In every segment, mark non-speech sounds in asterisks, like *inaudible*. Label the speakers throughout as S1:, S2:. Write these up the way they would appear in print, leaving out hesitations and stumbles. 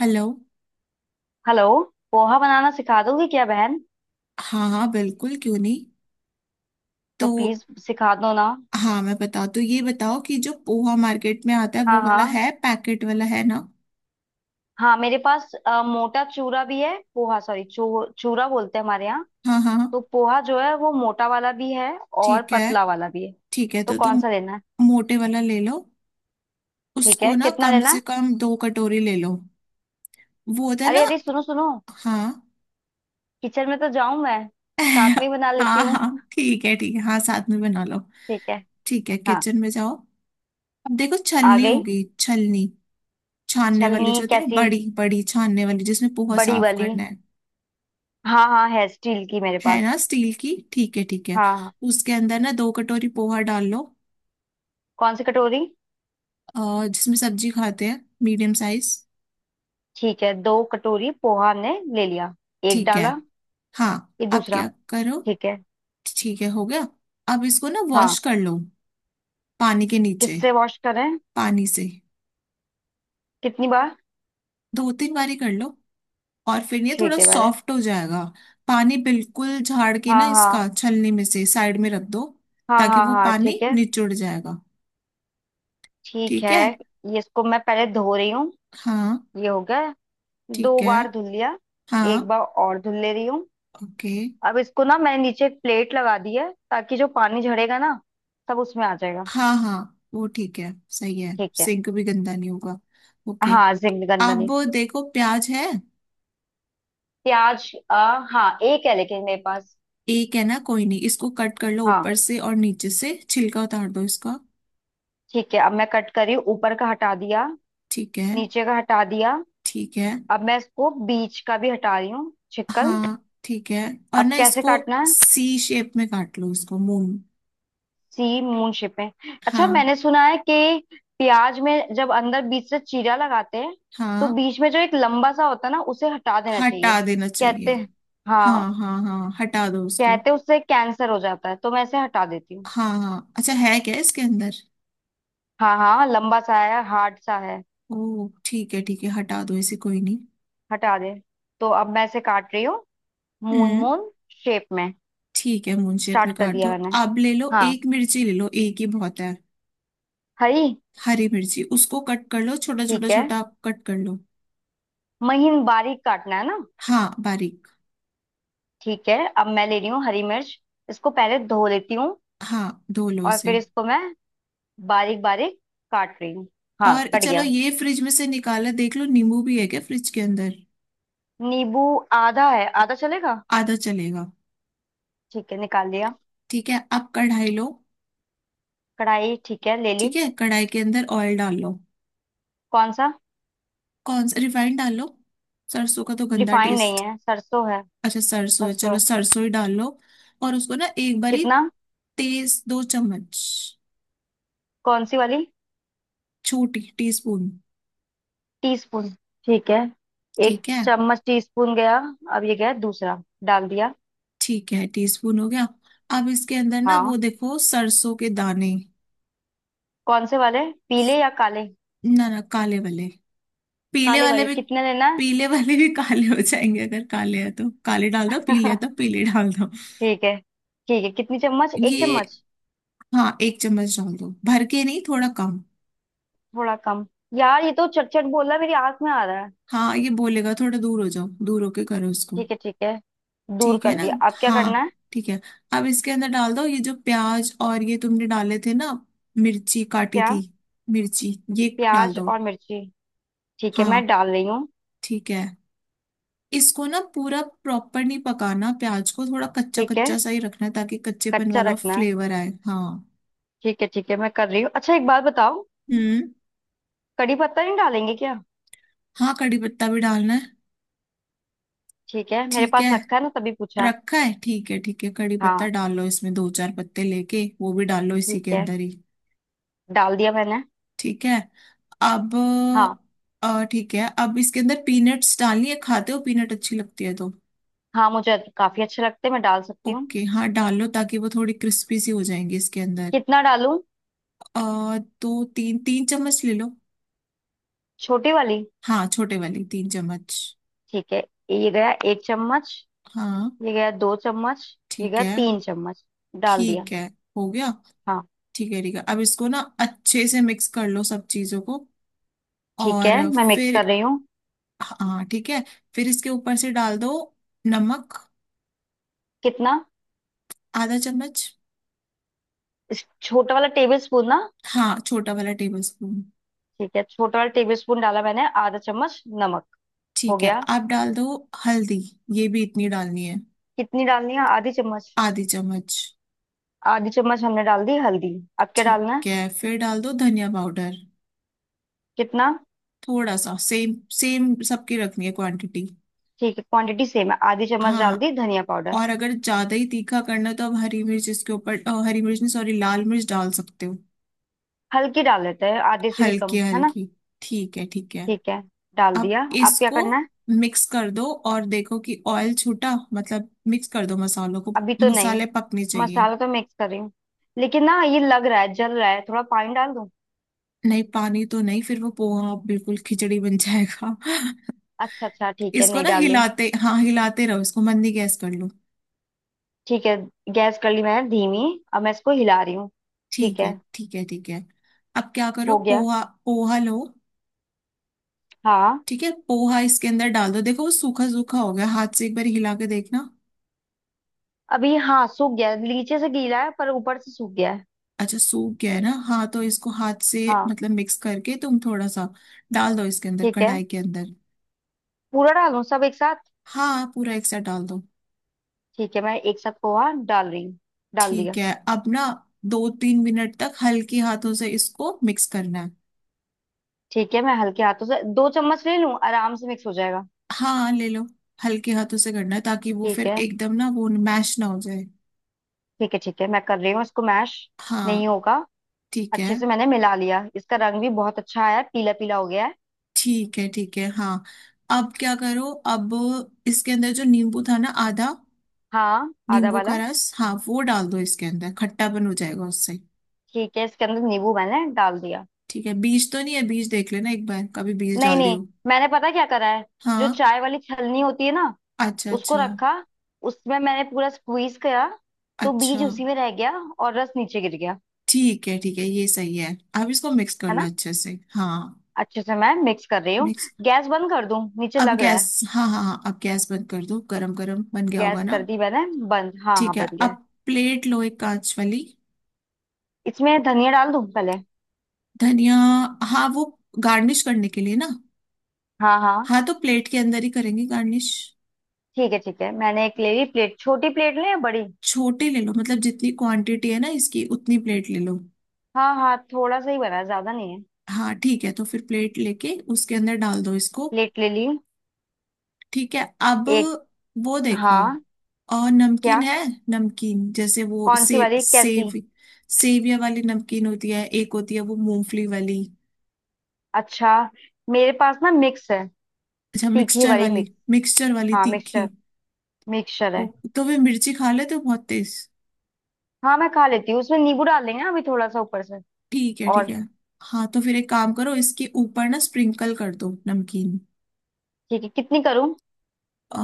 S1: Hello.
S2: Hello. Poha बनाना सिखा दोगे क्या बहन?
S1: हाँ हाँ बिल्कुल, क्यों नहीं।
S2: तो
S1: तो
S2: प्लीज सिखा दो ना।
S1: हाँ, मैं बताओ। तो ये बताओ कि जो पोहा मार्केट में आता है, वो
S2: हाँ
S1: वाला
S2: हाँ।
S1: है, पैकेट वाला, है ना।
S2: हाँ मेरे पास मोटा चूरा भी है, पोहा, सॉरी, चूरा बोलते हैं हमारे यहाँ।
S1: हाँ हाँ हाँ,
S2: तो पोहा जो है वो मोटा वाला भी है और
S1: ठीक है
S2: पतला वाला भी है।
S1: ठीक है।
S2: तो
S1: तो
S2: कौन
S1: तुम
S2: सा लेना है?
S1: मोटे वाला ले लो।
S2: ठीक है,
S1: उसको ना
S2: कितना
S1: कम
S2: लेना
S1: से
S2: है?
S1: कम 2 कटोरी ले लो। वो होता है ना।
S2: अरे अरे सुनो सुनो,
S1: हाँ
S2: किचन में तो जाऊं मैं, साथ में ही
S1: *laughs*
S2: बना लेती
S1: हाँ हाँ
S2: हूँ।
S1: ठीक है ठीक है, हाँ साथ में बना लो।
S2: ठीक है।
S1: ठीक है,
S2: हाँ,
S1: किचन में जाओ। अब देखो
S2: आ
S1: छलनी
S2: गई।
S1: होगी, छलनी छानने वाली जो
S2: छलनी
S1: होती है ना,
S2: कैसी?
S1: बड़ी बड़ी छानने वाली, जिसमें पोहा
S2: बड़ी
S1: साफ
S2: वाली?
S1: करना है।
S2: हाँ हाँ, है स्टील की मेरे
S1: है ना
S2: पास।
S1: स्टील की, ठीक है ठीक है।
S2: हाँ हाँ।
S1: उसके अंदर ना 2 कटोरी पोहा डाल लो।
S2: कौन सी कटोरी?
S1: जिसमें सब्जी खाते हैं, मीडियम साइज।
S2: ठीक है, दो कटोरी पोहा हमने ले लिया। एक
S1: ठीक है।
S2: डाला।
S1: हाँ
S2: ये
S1: अब
S2: दूसरा।
S1: क्या करो।
S2: ठीक है।
S1: ठीक है हो गया। अब इसको ना
S2: हाँ।
S1: वॉश कर लो, पानी के नीचे।
S2: किससे वॉश करें?
S1: पानी से।
S2: कितनी बार?
S1: 2-3 बारी कर लो और फिर ये थोड़ा
S2: ठीक है, मैंने।
S1: सॉफ्ट हो जाएगा। पानी बिल्कुल झाड़ के ना
S2: हाँ
S1: इसका,
S2: हाँ
S1: छलनी में से साइड में रख दो,
S2: हाँ,
S1: ताकि
S2: हाँ
S1: वो
S2: हाँ,
S1: पानी
S2: ठीक है
S1: निचुड़ जाएगा।
S2: ठीक
S1: ठीक
S2: है।
S1: है।
S2: ये इसको मैं पहले धो रही हूँ।
S1: हाँ
S2: ये हो गया।
S1: ठीक
S2: दो
S1: है।
S2: बार धुल लिया। एक
S1: हाँ
S2: बार और धुल ले रही हूँ।
S1: ओके।
S2: अब इसको ना मैंने नीचे एक प्लेट लगा दी है, ताकि जो पानी झड़ेगा ना, सब उसमें आ जाएगा।
S1: हाँ हाँ वो ठीक है, सही है।
S2: ठीक है।
S1: सिंक भी गंदा नहीं होगा। ओके।
S2: हाँ, जिंग गंदा
S1: अब
S2: नहीं।
S1: देखो, प्याज है।
S2: प्याज, हाँ एक है लेकिन मेरे पास।
S1: एक है ना, कोई नहीं, इसको कट कर लो
S2: हाँ,
S1: ऊपर से और नीचे से छिलका उतार दो इसका।
S2: ठीक है। अब मैं कट करी, ऊपर का हटा दिया।
S1: ठीक है।
S2: नीचे का हटा दिया।
S1: ठीक है।
S2: अब मैं इसको बीच का भी हटा रही हूँ, छिकल।
S1: हाँ ठीक है और
S2: अब
S1: ना
S2: कैसे
S1: इसको,
S2: काटना है?
S1: सी शेप में काट लो इसको, मून।
S2: सी मून शेप में। अच्छा
S1: हाँ
S2: मैंने सुना है कि प्याज में जब अंदर बीच से चीरा लगाते हैं, तो
S1: हाँ
S2: बीच में जो एक लंबा सा होता है ना, उसे हटा देना
S1: हटा
S2: चाहिए,
S1: देना चाहिए।
S2: कहते हैं।
S1: हाँ
S2: हाँ।
S1: हाँ हाँ हटा दो उसको।
S2: कहते हैं उससे कैंसर हो जाता है, तो मैं इसे हटा देती हूँ।
S1: हाँ हाँ अच्छा है क्या इसके अंदर।
S2: हाँ हाँ, लंबा सा है, हार्ड सा है।
S1: ओ ठीक है ठीक है, हटा दो इसे, कोई नहीं।
S2: हटा दे। तो अब मैं इसे काट रही हूँ, मून
S1: हम्म।
S2: मून शेप में।
S1: ठीक है मून शेप में
S2: स्टार्ट कर
S1: काट
S2: दिया
S1: दो।
S2: मैंने।
S1: अब ले लो
S2: हाँ।
S1: एक मिर्ची, ले लो, एक ही बहुत है।
S2: हरी।
S1: हरी मिर्ची, उसको कट कर लो छोटा छोटा
S2: ठीक है।
S1: छोटा, कट कर लो।
S2: महीन बारीक काटना है ना?
S1: हाँ बारीक।
S2: ठीक है, अब मैं ले रही हूँ हरी मिर्च। इसको पहले धो लेती हूँ।
S1: हाँ धो लो
S2: और फिर
S1: इसे।
S2: इसको मैं बारीक बारीक काट रही हूँ। हाँ,
S1: और
S2: कट
S1: चलो
S2: गया।
S1: ये फ्रिज में से निकाला, देख लो नींबू भी है क्या फ्रिज के अंदर।
S2: नींबू? आधा है, आधा चलेगा?
S1: आधा चलेगा।
S2: ठीक है, निकाल लिया।
S1: ठीक है अब कढ़ाई लो।
S2: कढ़ाई? ठीक है, ले ली।
S1: ठीक है, कढ़ाई के अंदर ऑयल डाल लो।
S2: कौन सा?
S1: कौन सा, रिफाइंड डाल लो। सरसों का तो गंदा
S2: रिफाइंड नहीं
S1: टेस्ट।
S2: है, सरसों है।
S1: अच्छा सरसों है,
S2: सरसों
S1: चलो
S2: है।
S1: सरसों ही डाल लो। और उसको ना एक बारी,
S2: कितना?
S1: तेज, 2 चम्मच।
S2: कौन सी वाली?
S1: छोटी टीस्पून।
S2: टीस्पून। ठीक है, एक
S1: ठीक है
S2: चम्मच टीस्पून गया। अब ये गया दूसरा डाल दिया।
S1: ठीक है, टीस्पून हो गया। अब इसके अंदर ना वो
S2: हाँ।
S1: देखो, सरसों के दाने।
S2: कौन से वाले? पीले या काले?
S1: ना ना, काले वाले। पीले
S2: काले
S1: वाले
S2: वाले
S1: भी।
S2: कितने लेना?
S1: पीले वाले भी काले हो जाएंगे, अगर काले है तो काले डाल दो, पीले है
S2: है।
S1: तो
S2: *laughs*
S1: पीले डाल दो।
S2: ठीक है। ठीक है, कितनी चम्मच? एक
S1: ये।
S2: चम्मच?
S1: हाँ 1 चम्मच डाल दो, भर के नहीं, थोड़ा कम।
S2: थोड़ा कम। यार ये तो चट चट बोल रहा है, मेरी आंख में आ रहा है।
S1: हाँ ये बोलेगा, थोड़ा दूर हो जाओ, दूर होके करो इसको।
S2: ठीक है ठीक है, दूर
S1: ठीक है
S2: कर
S1: ना।
S2: दिया, अब क्या
S1: हाँ
S2: करना है?
S1: ठीक है। अब इसके अंदर डाल दो ये, जो प्याज और ये तुमने डाले थे ना, मिर्ची काटी
S2: क्या?
S1: थी, मिर्ची, ये डाल
S2: प्याज
S1: दो।
S2: और मिर्ची? ठीक है,
S1: हाँ
S2: मैं डाल रही हूँ।
S1: ठीक है। इसको ना पूरा प्रॉपर नहीं पकाना, प्याज को थोड़ा कच्चा
S2: ठीक है।
S1: कच्चा सा ही रखना है, ताकि कच्चेपन
S2: कच्चा
S1: वाला
S2: रखना है।
S1: फ्लेवर आए। हाँ।
S2: ठीक है ठीक है, मैं कर रही हूँ। अच्छा एक बात बताओ,
S1: हम्म।
S2: कड़ी पत्ता नहीं डालेंगे क्या?
S1: हाँ कड़ी पत्ता भी डालना है।
S2: ठीक है, मेरे
S1: ठीक है,
S2: पास रखा है ना तभी पूछा।
S1: रखा है ठीक है ठीक है, कड़ी पत्ता
S2: हाँ,
S1: डाल लो इसमें, 2-4 पत्ते लेके वो भी डाल लो इसी
S2: ठीक
S1: के
S2: है।
S1: अंदर ही।
S2: डाल दिया मैंने।
S1: ठीक है। अब
S2: हाँ।
S1: ठीक है, अब इसके अंदर पीनट्स डालनी है, खाते हो पीनट, अच्छी लगती है तो।
S2: हाँ मुझे काफी अच्छे लगते हैं, मैं डाल सकती हूँ।
S1: ओके हाँ डाल लो, ताकि वो थोड़ी क्रिस्पी सी हो जाएंगी इसके अंदर।
S2: कितना डालूं?
S1: अ, दो तीन तीन चम्मच ले लो।
S2: छोटी वाली?
S1: हाँ छोटे वाली 3 चम्मच।
S2: ठीक है, ये गया एक चम्मच।
S1: हाँ
S2: ये गया दो चम्मच। ये
S1: ठीक
S2: गया
S1: है
S2: तीन चम्मच। डाल दिया।
S1: ठीक है, हो गया।
S2: हाँ।
S1: ठीक है ठीक है, अब इसको ना अच्छे से मिक्स कर लो सब चीजों को,
S2: ठीक है,
S1: और
S2: मैं मिक्स
S1: फिर।
S2: कर रही हूँ।
S1: हाँ ठीक है। फिर इसके ऊपर से डाल दो नमक,
S2: कितना?
S1: आधा चम्मच।
S2: इस छोटा वाला टेबल स्पून ना?
S1: हाँ छोटा वाला टेबल स्पून।
S2: ठीक है, छोटा वाला टेबल स्पून डाला मैंने आधा चम्मच नमक। हो
S1: ठीक है,
S2: गया।
S1: अब डाल दो हल्दी, ये भी इतनी डालनी है,
S2: कितनी डालनी है, आधी चम्मच?
S1: आधी चम्मच।
S2: आधी चम्मच हमने डाल दी हल्दी। अब क्या डालना है?
S1: ठीक है, फिर डाल दो धनिया पाउडर।
S2: कितना?
S1: थोड़ा सा, सेम सेम सबकी रखनी है क्वांटिटी।
S2: ठीक है, क्वांटिटी सेम है, आधी चम्मच डाल
S1: हाँ
S2: दी धनिया पाउडर।
S1: और अगर ज्यादा ही तीखा करना है, तो आप हरी मिर्च इसके ऊपर हरी मिर्च नहीं, सॉरी, लाल मिर्च डाल सकते हो।
S2: हल्की डाल लेते हैं, आधे से भी कम
S1: हल्की
S2: है ना?
S1: हल्की। ठीक है ठीक है।
S2: ठीक है, डाल
S1: अब
S2: दिया, अब क्या
S1: इसको
S2: करना है?
S1: मिक्स कर दो, और देखो कि ऑयल छूटा, मतलब मिक्स कर दो मसालों को,
S2: अभी तो नहीं।
S1: मसाले पकने चाहिए।
S2: मसाला तो मिक्स कर रही हूँ, लेकिन ना ये लग रहा है जल रहा है, थोड़ा पानी डाल दूं?
S1: नहीं, पानी तो नहीं, फिर वो पोहा बिल्कुल खिचड़ी बन जाएगा *laughs*
S2: अच्छा अच्छा, ठीक है,
S1: इसको
S2: नहीं
S1: ना
S2: डाली।
S1: हिलाते, हाँ हिलाते रहो इसको, मंदी गैस कर लो।
S2: ठीक है, गैस कर ली मैंने धीमी, अब मैं इसको हिला रही हूँ। ठीक
S1: ठीक है
S2: है।
S1: ठीक है ठीक है। अब क्या करो,
S2: हो गया।
S1: पोहा पोहा लो।
S2: हाँ।
S1: ठीक है पोहा इसके अंदर डाल दो, देखो वो सूखा सूखा हो गया, हाथ से एक बार हिला के देखना।
S2: अभी, हाँ सूख गया, नीचे से गीला है पर ऊपर से सूख गया है।
S1: अच्छा सूख गया है ना, हाँ तो इसको हाथ से
S2: हाँ।
S1: मतलब मिक्स करके तुम थोड़ा सा डाल दो इसके अंदर,
S2: ठीक है।
S1: कढ़ाई के अंदर।
S2: पूरा डालूं सब एक साथ?
S1: हाँ पूरा एक साथ डाल दो।
S2: ठीक है, मैं एक साथ पोहा डाल रही हूँ। डाल
S1: ठीक
S2: दिया।
S1: है, अब ना 2-3 मिनट तक हल्के हाथों से इसको मिक्स करना है।
S2: ठीक है मैं हल्के हाथों से दो चम्मच ले लूं, आराम से मिक्स हो जाएगा।
S1: हाँ ले लो। हल्के हाथों से करना है, ताकि वो
S2: ठीक
S1: फिर
S2: है।
S1: एकदम ना, वो मैश ना हो जाए।
S2: ठीक है ठीक है मैं कर रही हूँ, इसको मैश नहीं
S1: हाँ
S2: होगा।
S1: ठीक है
S2: अच्छे से मैंने मिला लिया, इसका रंग भी बहुत अच्छा आया, पीला पीला हो गया है।
S1: ठीक है। ठीक है। हाँ अब क्या करो। अब इसके अंदर जो नींबू था ना, आधा,
S2: हाँ आधा
S1: नींबू का
S2: वाला।
S1: रस, हाँ वो डाल दो इसके अंदर, खट्टापन हो जाएगा उससे।
S2: ठीक है, इसके अंदर नींबू मैंने डाल दिया।
S1: ठीक है बीज तो नहीं है, बीज देख लेना एक बार, कभी बीज
S2: नहीं
S1: डाल
S2: नहीं।
S1: दियो।
S2: मैंने पता क्या करा है, जो
S1: हाँ।
S2: चाय वाली छलनी होती है ना,
S1: अच्छा
S2: उसको
S1: अच्छा।
S2: रखा, उसमें मैंने पूरा स्क्वीज करा, तो
S1: अच्छा।
S2: बीज उसी में रह गया और रस नीचे गिर गया।
S1: ठीक है ठीक है, ये सही है। अब इसको मिक्स कर
S2: है
S1: लो
S2: ना?
S1: अच्छे से, हाँ।
S2: अच्छे से मैं मिक्स कर रही हूँ।
S1: मिक्स।
S2: गैस बंद कर दूं, नीचे
S1: अब
S2: लग रहा
S1: गैस,
S2: है।
S1: हाँ हाँ हाँ, अब गैस बंद कर दो, गरम गरम बन गया होगा
S2: गैस
S1: ना।
S2: कर दी मैंने बंद। हाँ
S1: ठीक
S2: हाँ,
S1: है,
S2: बन गया है।
S1: अब प्लेट लो, एक कांच वाली।
S2: इसमें धनिया डाल दूं पहले?
S1: धनिया। हाँ वो, गार्निश करने के लिए ना।
S2: हाँ हाँ।
S1: हाँ तो प्लेट के अंदर ही करेंगे गार्निश।
S2: ठीक है ठीक है, मैंने एक ले ली प्लेट, छोटी प्लेट ले या बड़ी?
S1: छोटे ले लो, मतलब जितनी क्वांटिटी है ना इसकी, उतनी प्लेट ले लो।
S2: हाँ हाँ, थोड़ा सा ही बना है, ज्यादा नहीं है।
S1: हाँ ठीक है, तो फिर प्लेट लेके उसके अंदर डाल दो इसको।
S2: प्लेट ले ली।
S1: ठीक है। अब
S2: एक।
S1: वो देखो,
S2: हाँ।
S1: और
S2: क्या?
S1: नमकीन है, नमकीन जैसे वो
S2: कौन सी
S1: सेव,
S2: वाली, कैसी?
S1: सेव सेविया वाली नमकीन होती है, एक होती है वो मूंगफली वाली।
S2: अच्छा, मेरे पास ना मिक्स है।
S1: अच्छा
S2: तीखी
S1: मिक्सचर
S2: वाली
S1: वाली।
S2: मिक्स।
S1: मिक्सचर वाली
S2: हाँ,
S1: तीखी।
S2: मिक्सचर। मिक्सचर
S1: ओ
S2: है।
S1: तो वे मिर्ची खा लेते हो, बहुत तेज।
S2: हाँ मैं खा लेती हूँ, उसमें नींबू डाल देंगे ना अभी थोड़ा सा ऊपर से।
S1: ठीक है ठीक
S2: और?
S1: है। हाँ तो फिर एक काम करो, इसके ऊपर ना स्प्रिंकल कर दो नमकीन।
S2: ठीक है, कितनी करूँ?
S1: अ,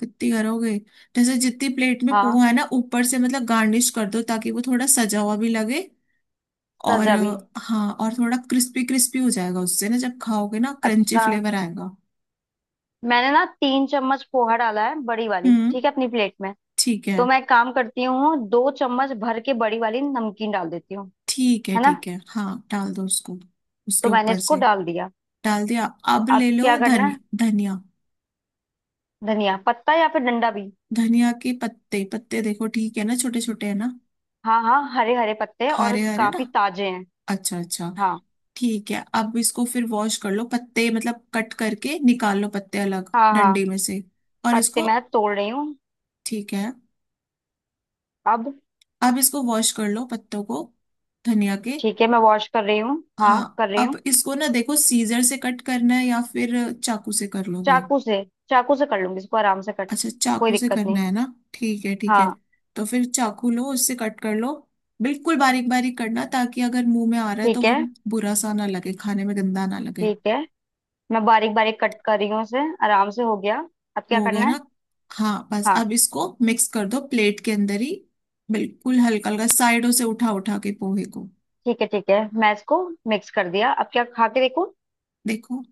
S1: कितनी करोगे, जैसे जितनी प्लेट में
S2: हाँ,
S1: पोहा है ना, ऊपर से मतलब गार्निश कर दो, ताकि वो थोड़ा सजा हुआ भी लगे। और
S2: सजा भी।
S1: हाँ, और थोड़ा क्रिस्पी क्रिस्पी हो जाएगा उससे ना, जब खाओगे ना क्रंची
S2: अच्छा।
S1: फ्लेवर आएगा।
S2: मैंने ना तीन चम्मच पोहा डाला है बड़ी वाली,
S1: हम्म।
S2: ठीक है, अपनी प्लेट में।
S1: ठीक
S2: तो
S1: है
S2: मैं एक काम करती हूँ, दो चम्मच भर के बड़ी वाली नमकीन डाल देती हूँ।
S1: ठीक है
S2: है ना?
S1: ठीक है, हाँ डाल दो उसको, उसके
S2: तो मैंने
S1: ऊपर
S2: इसको
S1: से।
S2: डाल दिया।
S1: डाल दिया। अब
S2: अब
S1: ले
S2: क्या
S1: लो
S2: करना
S1: धनिया,
S2: है?
S1: धनिया,
S2: धनिया पत्ता या फिर डंडा भी?
S1: धनिया के पत्ते, पत्ते देखो, ठीक है ना, छोटे छोटे है ना।
S2: हाँ हाँ, हरे हरे पत्ते हैं और
S1: हरे हरे ना,
S2: काफी ताजे हैं।
S1: अच्छा अच्छा।
S2: हाँ।
S1: ठीक है अब इसको फिर वॉश कर लो, पत्ते मतलब कट करके निकाल लो पत्ते, अलग
S2: हाँ हाँ।
S1: डंडे में से, और
S2: पत्ते
S1: इसको।
S2: मैं तोड़ रही हूँ।
S1: ठीक है।
S2: अब?
S1: अब इसको वॉश कर लो पत्तों को, धनिया के।
S2: ठीक है, मैं वॉश कर रही हूँ,
S1: हाँ
S2: हाँ कर रही
S1: अब
S2: हूँ।
S1: इसको ना देखो, सीजर से कट करना है या फिर चाकू से कर लोगे।
S2: चाकू से। चाकू से कर लूंगी इसको, आराम से कट,
S1: अच्छा
S2: कोई
S1: चाकू से
S2: दिक्कत
S1: करना
S2: नहीं।
S1: है ना, ठीक है ठीक है।
S2: हाँ।
S1: तो फिर चाकू लो उससे कट कर लो, बिल्कुल बारीक बारीक करना, ताकि अगर मुंह में आ रहा है तो
S2: ठीक है
S1: वो बुरा सा ना लगे, खाने में गंदा ना लगे।
S2: ठीक है, मैं बारीक बारीक कट कर रही हूँ उसे, आराम से हो गया। अब क्या
S1: हो गया
S2: करना है?
S1: ना, हाँ बस,
S2: हाँ।
S1: अब इसको मिक्स कर दो, प्लेट के अंदर ही, बिल्कुल हल्का हल्का, साइडों से उठा उठा के पोहे को।
S2: ठीक है ठीक है, मैं इसको मिक्स कर दिया, अब क्या खा के देखूँ?
S1: देखो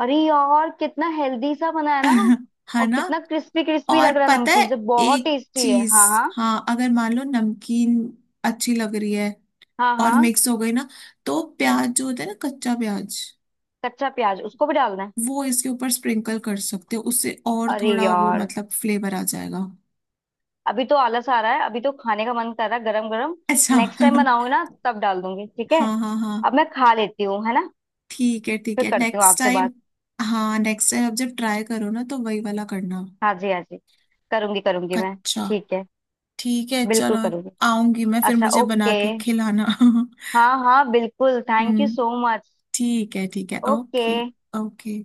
S2: अरे यार कितना हेल्दी सा बना है ना!
S1: *laughs* है
S2: और
S1: ना।
S2: कितना क्रिस्पी क्रिस्पी लग
S1: और
S2: रहा है,
S1: पता है
S2: नमकीन से बहुत
S1: एक
S2: टेस्टी है।
S1: चीज,
S2: हाँ हाँ।
S1: हाँ, अगर मान लो नमकीन अच्छी लग रही है,
S2: हाँ
S1: और
S2: हाँ,
S1: मिक्स हो गई ना, तो प्याज जो होता है ना, कच्चा प्याज,
S2: कच्चा प्याज उसको भी डालना है?
S1: वो इसके ऊपर स्प्रिंकल कर सकते हो उससे, और
S2: अरे
S1: थोड़ा वो
S2: यार,
S1: मतलब फ्लेवर आ जाएगा।
S2: अभी तो आलस आ रहा है, अभी तो खाने का मन कर रहा है गरम गरम।
S1: अच्छा
S2: नेक्स्ट टाइम
S1: *laughs*
S2: बनाऊंगी ना तब डाल दूंगी, ठीक है?
S1: हाँ हाँ हाँ
S2: अब मैं खा लेती हूँ, है ना?
S1: ठीक है ठीक
S2: फिर
S1: है,
S2: करती हूँ
S1: नेक्स्ट
S2: आपसे
S1: टाइम।
S2: बात।
S1: हाँ नेक्स्ट टाइम अब जब ट्राई करो ना, तो वही वाला करना,
S2: हाँ जी, हाँ जी, करूंगी करूंगी मैं।
S1: कच्चा।
S2: ठीक है,
S1: ठीक है
S2: बिल्कुल
S1: चलो,
S2: करूंगी।
S1: आऊंगी मैं, फिर
S2: अच्छा,
S1: मुझे
S2: ओके।
S1: बना के खिलाना *laughs*
S2: हाँ हाँ, बिल्कुल, thank you
S1: hmm.
S2: So much.
S1: ठीक है ठीक है, ओके।
S2: ओके।
S1: ओके।